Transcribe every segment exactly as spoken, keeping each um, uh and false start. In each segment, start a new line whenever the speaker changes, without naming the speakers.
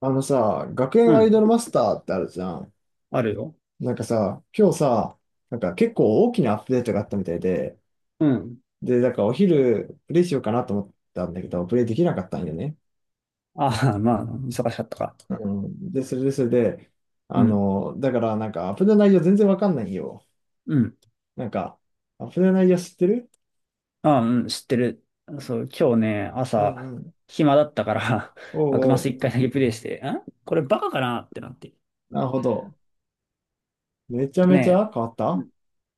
あのさ、学
う
園アイドル
ん。
マスターってあるじゃん。
あるよ。
なんかさ、今日さ、なんか結構大きなアップデートがあったみたいで、
うん。
で、なんかお昼プレイしようかなと思ったんだけど、プレイできなかったんよね。
ああ、まあ、忙しかったか。
うん。で、それでそれで、
う
あ
ん。
の、だからなんかアップデート内容全然わかんないよ。
うん。
なんか、アップデート内容知ってる？
ああ、うん、知ってる。そう、今日ね、
う
朝、
んうん。
暇だったから
お
幕
う
マ
お
ス
う、
一回だけプレイして、んこれバカかなってなって。
なるほど。めちゃ
と
めち
ね、
ゃ変わっ
う
た？
ん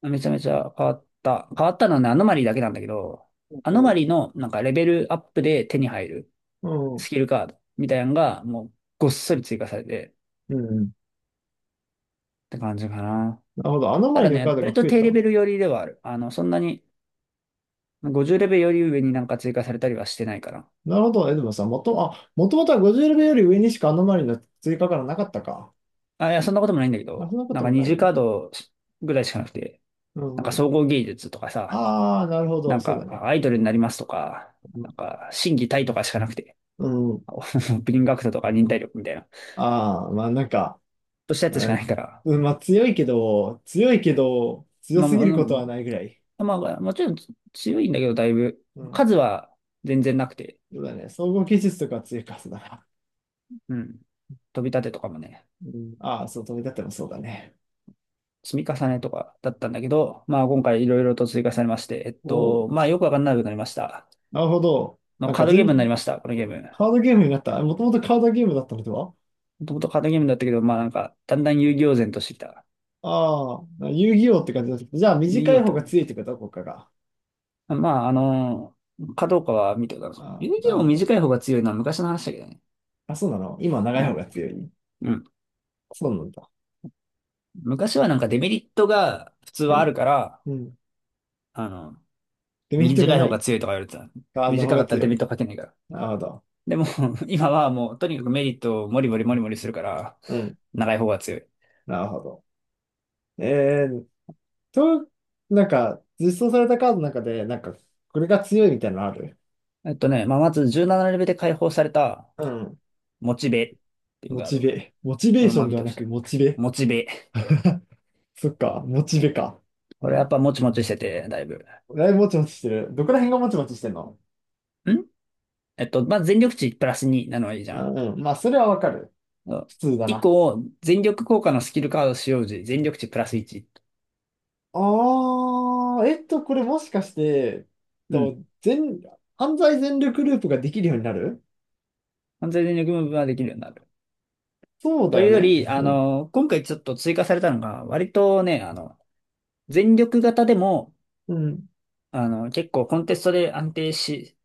めちゃめちゃ変わった。変わったのはね、アノマリーだけなんだけど、
お
アノマ
う
リーのなんかレベルアップで手に入る
おう。うんうん。
スキルカードみたいなのが、もうごっそり追加されてっ
うんうん。
て感じかな。
なるほど。あの
た
前
だ
のカ
ね、
ードが
割と
増え
低レ
た？
ベル寄りではある。あの、そんなにごじゅうレベルより上になんか追加されたりはしてないかな。
なるほど。え、でもさん、もと、あ、もともとはごじゅうレベルより上にしかアノマリの追加からなかったか。
あ、いや、そんなこともないんだけ
あ、そ
ど、
んなこ
なん
と
か
も
二
ない。
次
う
カードぐらいしかなくて、
ん
なん
う
か
ん。
総合芸術とかさ、
ああ、なるほ
な
ど。
ん
そう
か
だね。
あアイドルになりますとか、なん
う
か心技体とかしかなくて、
ん。うん、
オープニングアクト とか忍耐力みたいな、
ああ、まあなんか、
としたやつしかないから、
うん、まあ強いけど、強いけど、強
まあ、
すぎることはな
も
いぐらい。
うまあ、もちろん強いんだけど、だいぶ、
うん。
数は全然なくて、
そうだね。総合技術とかは強いか、そうだな。
うん。飛び立てとかもね、
うん、ああ、そう、飛び立ってもそうだね。
積み重ねとかだったんだけど、まあ今回いろいろと追加されまして、えっ
おう、
と、まあよくわかんなくなりました。
なるほど。
の
なん
カ
か
ードゲームにな
全、
りました、このゲーム。
カードゲームになった。もともとカードゲームだったのでは？
もともとカードゲームだったけど、まあなんか、だんだん遊戯王然としてきた。
ああ、遊戯王って感じだった。じゃあ、
遊
短
戯王
い
っ
方が強い
て
ってこと国家が。
あ、まああのーかどうかは見てございます。
あ
遊
あ、
戯
なる
王
ほど。
短い方が強いのは昔の話だけどね。
あ、そうなの。今、長
う
い方
ん。
が強い？そうなんだ。
昔はなんかデメリットが普通
う
はあ
ん。
るから、
うん。
あの、
デメリットが
短い
な
方が
い。
強いとか言われてた。
カードの方
短か
が
ったら
強
デメリ
い。
ットかけないから。
なるほど。
でも、今はもうとにかくメリットをモリモリモリモリするから、
うん。
長い方が強い。
なるほど。えー、と、なんか、実装されたカードの中で、なんか、これが強いみたいなのある？
えっとね、まあまずじゅうななレベルで解放された、
うん。
モチベっていう
モ
カー
チ
ド。
ベ。モチベ
こ
ー
れ
ショ
ま
ン
み
では
と
な
し
く、
て。
モチベ。
モチベ。
そっか、モチベか。
こ
う
れ
ん。
やっぱもちもちしてて、だいぶ。
だいぶもちもちしてる。どこら辺がもちもちしてんの？
んえっと、まあ、全力値プラスになのはいいじゃ
あ
ん。
うん。まあ、それはわかる。
そう
普通だ
一
な。
個、全力効果のスキルカード使用時、全力値プラスいち。
ああ、えっと、これもしかして、
う
と、
ん。
全、犯罪全力ループができるようになる？
完全全力ムーブができるようになる。
そうだ
とい
よ
うよ
ね。
り、あ
うん。
の、今回ちょっと追加されたのが、割とね、あの、全力型でも、
うん。
あの、結構コンテストで安定し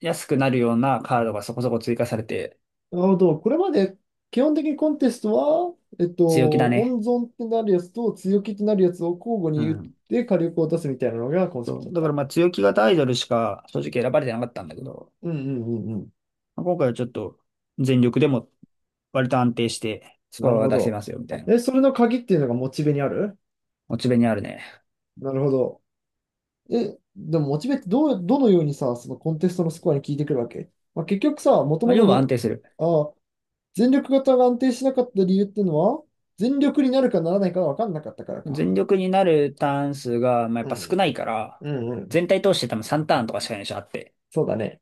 やすくなるようなカードがそこそこ追加されて、
なるほど。これまで、基本的にコンテストは、えっと、
強気だね。
温存ってなるやつと強気ってなるやつを交互
う
に打っ
ん。
て火力を出すみたいなのがコンセプ
そ
トだ
う。
っ
だから
た。
まあ強気型アイドルしか正直選ばれてなかったんだけど、
うんうんうんうん。
まあ今回はちょっと全力でも割と安定してスコ
なる
アが
ほ
出せ
ど。
ますよみたいな。
え、それの鍵っていうのがモチベにある？
モチベにあるね。
なるほど。え、でもモチベってどう、どのようにさ、そのコンテストのスコアに効いてくるわけ？まあ、結局さ、もと
ま
も
あ、
と
要は安
も、
定する。
ああ、全力型が安定しなかった理由っていうのは、全力になるかならないかが分かんなかったから
全
か。
力になるターン数が、まあ、やっ
う
ぱ少
ん。
ないから、
うんうん。
全体通して多分さんターンとかしかないでしょ、あって。
そうだね。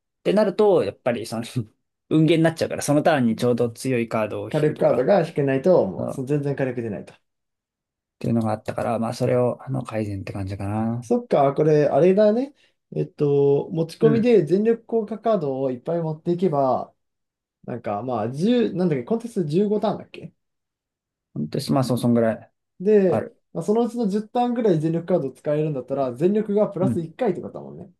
ってなると、やっぱりその 運ゲーになっちゃうから、そのターンにちょうど強いカードを
火
引く
力
と
カード
か、
が引けないと、
う
もう
ん
そ
っ
全然火力出ないと。
ていうのがあったから、まあそれを、あの、改善って感じかな。
そっか、これ、あれだね。えっと、持ち
う
込み
ん。
で全力効果カードをいっぱい持っていけば、なんかまあ、いちなんだっけ、コンテストじゅうごターンだっけ？
本当に、まあそう、そんぐらいあ
で、
る。
まあそのうちのじゅうターンぐらい全力カード使えるんだったら、全力がプ
う
ラス
ん。
いっかいってことだもんね。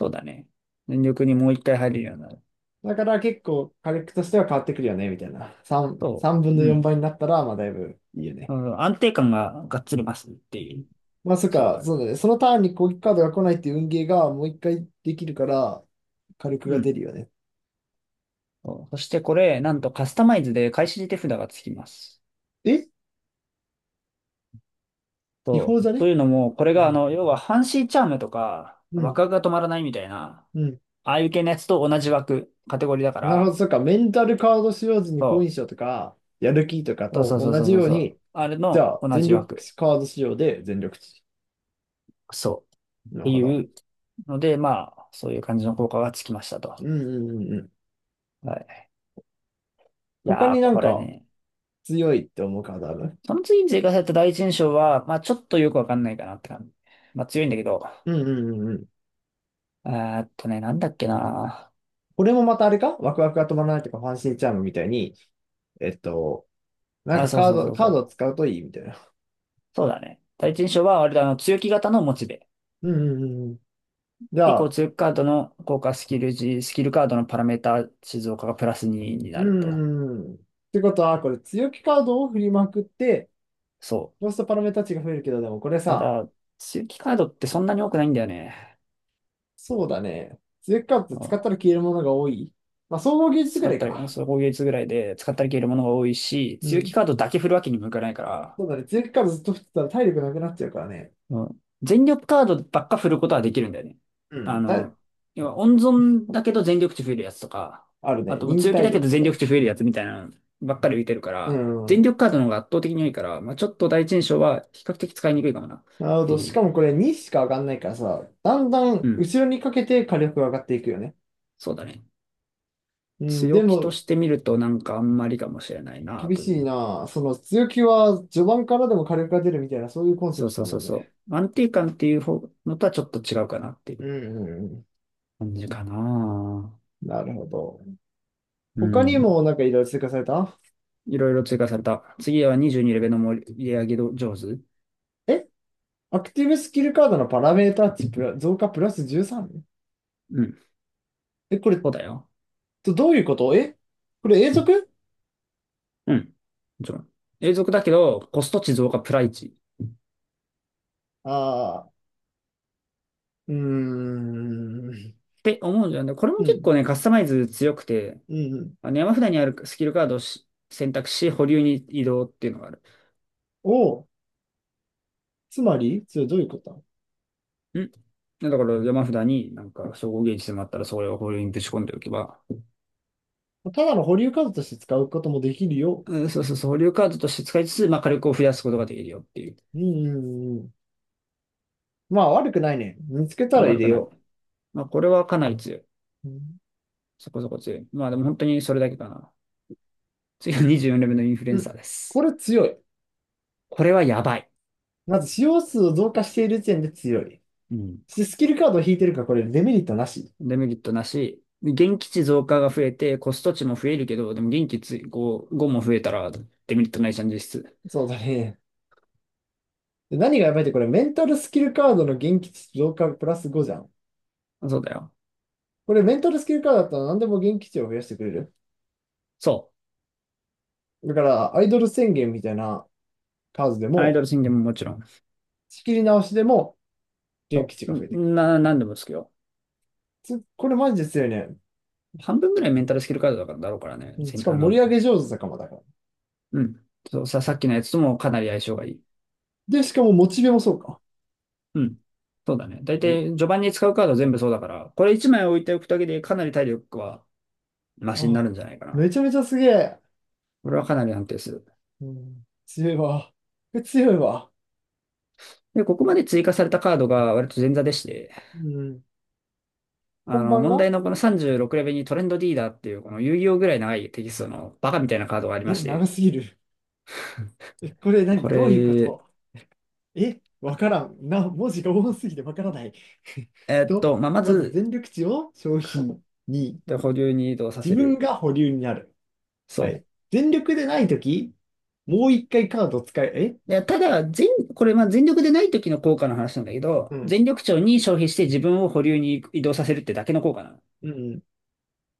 そうだね。全力にもう一回入るようになる
だから結構火力としては変わってくるよね、みたいな。さん、
と、
さんぶんの
う
4
ん。
倍になったら、まあだいぶいいよ
う
ね。
ん、安定感ががっつりますっていう
まあそっ
差は
か、
ある。
そうだね。そのターンに攻撃カードが来ないっていう運ゲーがもう一回できるから、火力
う
が
ん。
出るよね。
そうそしてこれ、なんとカスタマイズで開始手札がつきます。
え、違
そ
法
う。
じゃ
と
ね？
いうのも、これ
う
があ
ん。
の、要はハンシーチャームとか、
うん。
枠が止まらないみたいな、
うん、
ああいう系のやつと同じ枠、カテゴリーだか
なるほ
ら、
ど、そっか。メンタルカード使用時に好
そ
印象とか、やる気とか
う。
と
そうそう
同
そう
じ
そう
よう
そう。
に、
あれ
じ
の
ゃあ
同
全
じ
力
枠。
カード使用で全力値。
そう。っ
なる
て
ほ
い
ど。
うので、まあ、そういう感じの効果がつきましたと。
うんうんうんうん。
はい。い
他
や
に
ー、
なん
これ
か
ね。
強いって思うカードある？
その次に追加された第一印象は、まあちょっとよくわかんないかなって感じ。まあ強いんだけど。
うんうんうんうん。
えーっとね、なんだっけな。
これもまたあれか、ワクワクが止まらないとか、ファンシーチャームみたいに、えっと、なん
あ、
か
そう
カー
そうそ
ド、
う
カ
そ
ードを
う。
使うといいみたいな。
そうだね。第一印象は、割とあの、強気型のモチベ。
うんうんうんうん。じ
以
ゃ
降、
あ、
強気カードの効果スキル時、スキルカードのパラメータ静岡がプラスにに
う
なると。
んうんうん。ってことは、これ強気カードを振りまくって、
そう。
ロストパラメータ値が増えるけど、でもこれ
た
さ、
だ、強気カードってそんなに多くないんだよね。
そうだね。強気カードって
う
使っ
ん、
たら消えるものが多い。まあ、総合技術
使
ぐら
っ
い
たり、
か。
そう、攻撃率ぐらいで使ったり消えるものが多いし、
う
強気
ん。
カードだけ振るわけにもいかないから、
そうだね。強気カードずっと振ってたら体力なくなっちゃうからね。
うん、全力カードばっか振ることはできるんだよね。
う
あ
ん。た
の、要は温存だけど全力値増えるやつとか、
ある
あ
ね。
ともう
忍
強気
耐
だけ
力
ど
と
全
かだっ
力値増
け。
えるやつみたいなのばっかり浮いてるか
う
ら、全
ん。
力カードの方が圧倒的に多いから、まあ、ちょっと第一印象は比較的使いにくいかもなっ
なるほ
て
ど。
い
し
う。
かもこれにしか上がんないからさ、だんだ
う
ん
ん。
後ろにかけて火力が上がっていくよね。
そうだね。
うん、で
強気と
も、
してみるとなんかあんまりかもしれないな
厳
とい
しい
う。
な。その強気は序盤からでも火力が出るみたいな、そういうコンセ
そ
プ
う
ト
そ
だ
うそ
も
う
んね。
そう。安定感っていう方のとはちょっと違うかなってい
う
う
んうんうん。
感じかな。
なるほど。
う
他に
ん。
もなんかいろいろ追加された？
いろいろ追加された。次はにじゅうにレベルの盛り上げ上手。
え、アクティブスキルカードのパラメータ値プラ増加プラス じゅうさん？
うん。
え、これ、
そうだよ。
どどういうこと？え、これ永続？
うん。もちろん。永続だけど、コスト値増加プライチ。っ
ああー、うーん。
て思うんじゃないこれも
う
結
ん。
構ね、カスタマイズ強くて、
うんうん、
まあの山札にあるスキルカードをし選択し、保留に移動っていうのがある。
を、つまり、それどういうこと？
んだから山札になんか称号ゲージでもあったら、それを保留にぶち込んでおけば、
ただの保留カードとして使うこともできるよ。
うんそうそうそう、保留カードとして使いつつ、まあ火力を増やすことができるよっていう。
うん、うんうん。まあ、悪くないね。見つけた
まあ
ら入
悪
れ
くない。
よ
まあこれはかなり強い。
う。うん。
そこそこ強い。まあでも本当にそれだけかな。次はにじゅうよんレベルのインフルエ
う
ン
ん、
サーで
こ
す。
れ強い。
これはやばい。
まず、使用数を増加している時点で強い。
うん。
しスキルカードを引いてるから、これデメリットなし。
デメリットなし。現地値増加が増えて、コスト値も増えるけど、でも現地値ご、も増えたらデメリットないじゃん、実質。
そうだね。で何がやばいって、これメンタルスキルカードの元気値増加プラスごじゃん。
そうだよ。
これメンタルスキルカードだったら何でも元気値を増やしてくれる。
そ
だから、アイドル宣言みたいなカードで
う。アイド
も、
ル宣言ももちろん。
仕切り直しでも元
そ
気値が増えていく。
う。な、なんでもですけど。
つこれマジですよね。
半分ぐらいメンタルスキルカードだからだろうからね。
うん、
せ
しか
あ
も盛り
の、
上げ上手だかもだから。
うん。そう、さ、さっきのやつともかなり相性がいい。
で、しかもモチベもそうか。
うん。そうだね。だいたい序盤に使うカード全部そうだから、これいちまい置いておくだけでかなり体力はマ
お
シにな
あ、
るんじゃないかな。
めちゃめちゃすげえ。
これはかなり安定する。
うん、強いわ。これ強いわ。
で、ここまで追加されたカードが割と前座でして、
うん、
あ
本
の、
番
問
が？
題のこのさんじゅうろくレベルにトレンドリーダーっていうこの遊戯王ぐらい長いテキストのバカみたいなカードがありま
え、
し
長
て、
すぎる。え、これ
こ
何どういうこ
れ、
と？え、わからん。な、文字が多すぎてわからない。
え ーっ
と、
と、まあ、ま
まず
ず、
全力値を消費に、
で、保留に移動さ
自
せ
分
る。
が保留になる。は
そ
い。全力でないとき、もう一回カード使え、え？
う。で、ただ、全、これ、まあ、全力でない時の効果の話なんだけ
う
ど、
ん。
全力値に消費して自分を保留に移動させるってだけの効果なの。
うん。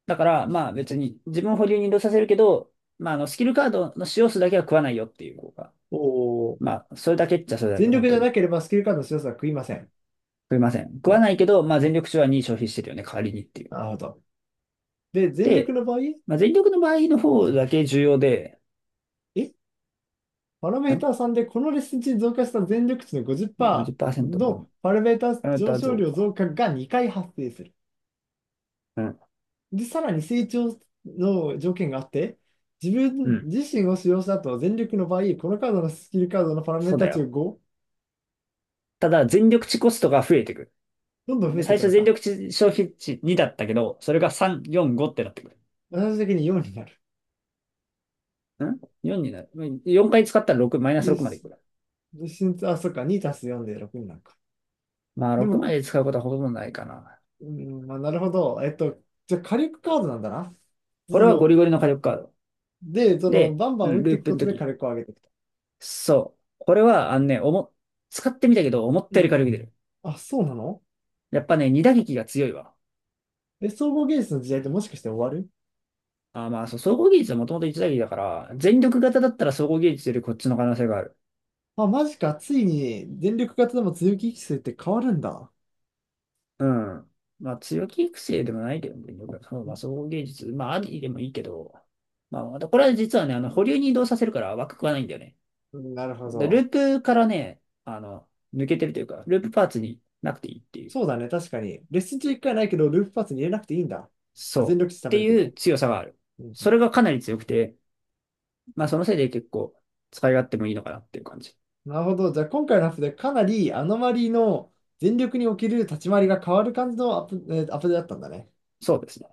だから、まあ別に自分を保留に移動させるけど、まああのスキルカードの使用数だけは食わないよっていう効果。
お、
まあ、それだけっちゃそれだけ、
全
本
力じ
当
ゃ
に。
なければスキルカードの強さは食いません。
食いません。食
は
わ
い。
ないけど、まあ、全力手はに消費してるよね、代わりにっていう。
なるほど。で、全力
で、
の場合、
まあ、全力の場合の方だけ重要で、
え、パラメーター
ん
さんでこのレッスン値に増加した全力値の
?ごじゅうパーセント
ごじゅっパーセント
分。
のパラメーター
あな
上
た
昇
増
量増
加。
加がにかい発生する。
うん。
で、さらに成長の条件があって、自
う
分
ん。
自身を使用した後、全力の場合、このカードのスキルカードのパラメー
そうだ
タ値が
よ。
ご、
ただ、全力値コストが増えてく
どんどん増
る。
えて
最
いく
初
の
全
か。
力値消費値にだったけど、それがさん、よん、ごってなってくる。
最終的によんになる。
ん ?よん になる。よんかい使ったらろく、マイナス
で、
ろくまでい
し
くから。
でしあ、そっか、に足すよんでろくになるか。
まあ、
で
ろく
も、
まで使うことはほとんどないかな。
うん、まあ、なるほど。えっと、じゃあ火力カードなんだな。普
こ
通
れはゴリ
の。
ゴリの火力カード。
で、その、
で、
バンバ
う
ン打
ん、
ってい
ルー
く
プ
こ
の
とで火
時。
力を上げていくと。
そう。これは、あのね、おも、使ってみたけど、思っ
う
たより
ん。
軽く出る。
あ、そうなの？
やっぱね、二打撃が強いわ。
え、総合芸術の時代ってもしかして終わる？
あー、まあ、そう、総合技術はもともと一打撃だから、全力型だったら総合技術よりこっちの可能性がある。
あ、マジか。ついに電力型でも強気機制って変わるんだ。
うん。まあ、強気育成でもないけどね、全力型そうまあ、総合技術、まあ、ありでもいいけど、まあ、またこれは実はね、あの、保留に移動させるから枠食わないんだよね。
うん、なるほ
でル
ど。
ープからね、あの、抜けてるというか、ループパーツになくていいっていう。
そうだね、確かに。レッスン中いっかいないけど、ループパスに入れなくていいんだ。まあ、全
そう。
力値
っ
食べ
て
るけ
いう
ど。
強さがある。
うんう
そ
ん、
れがかなり強くて、まあ、そのせいで結構使い勝手もいいのかなっていう感じ。
なるほど。じゃあ、今回のアップでかなりアノマリーの全力における立ち回りが変わる感じのアップ、えーアップデートだったんだね。
そうですね。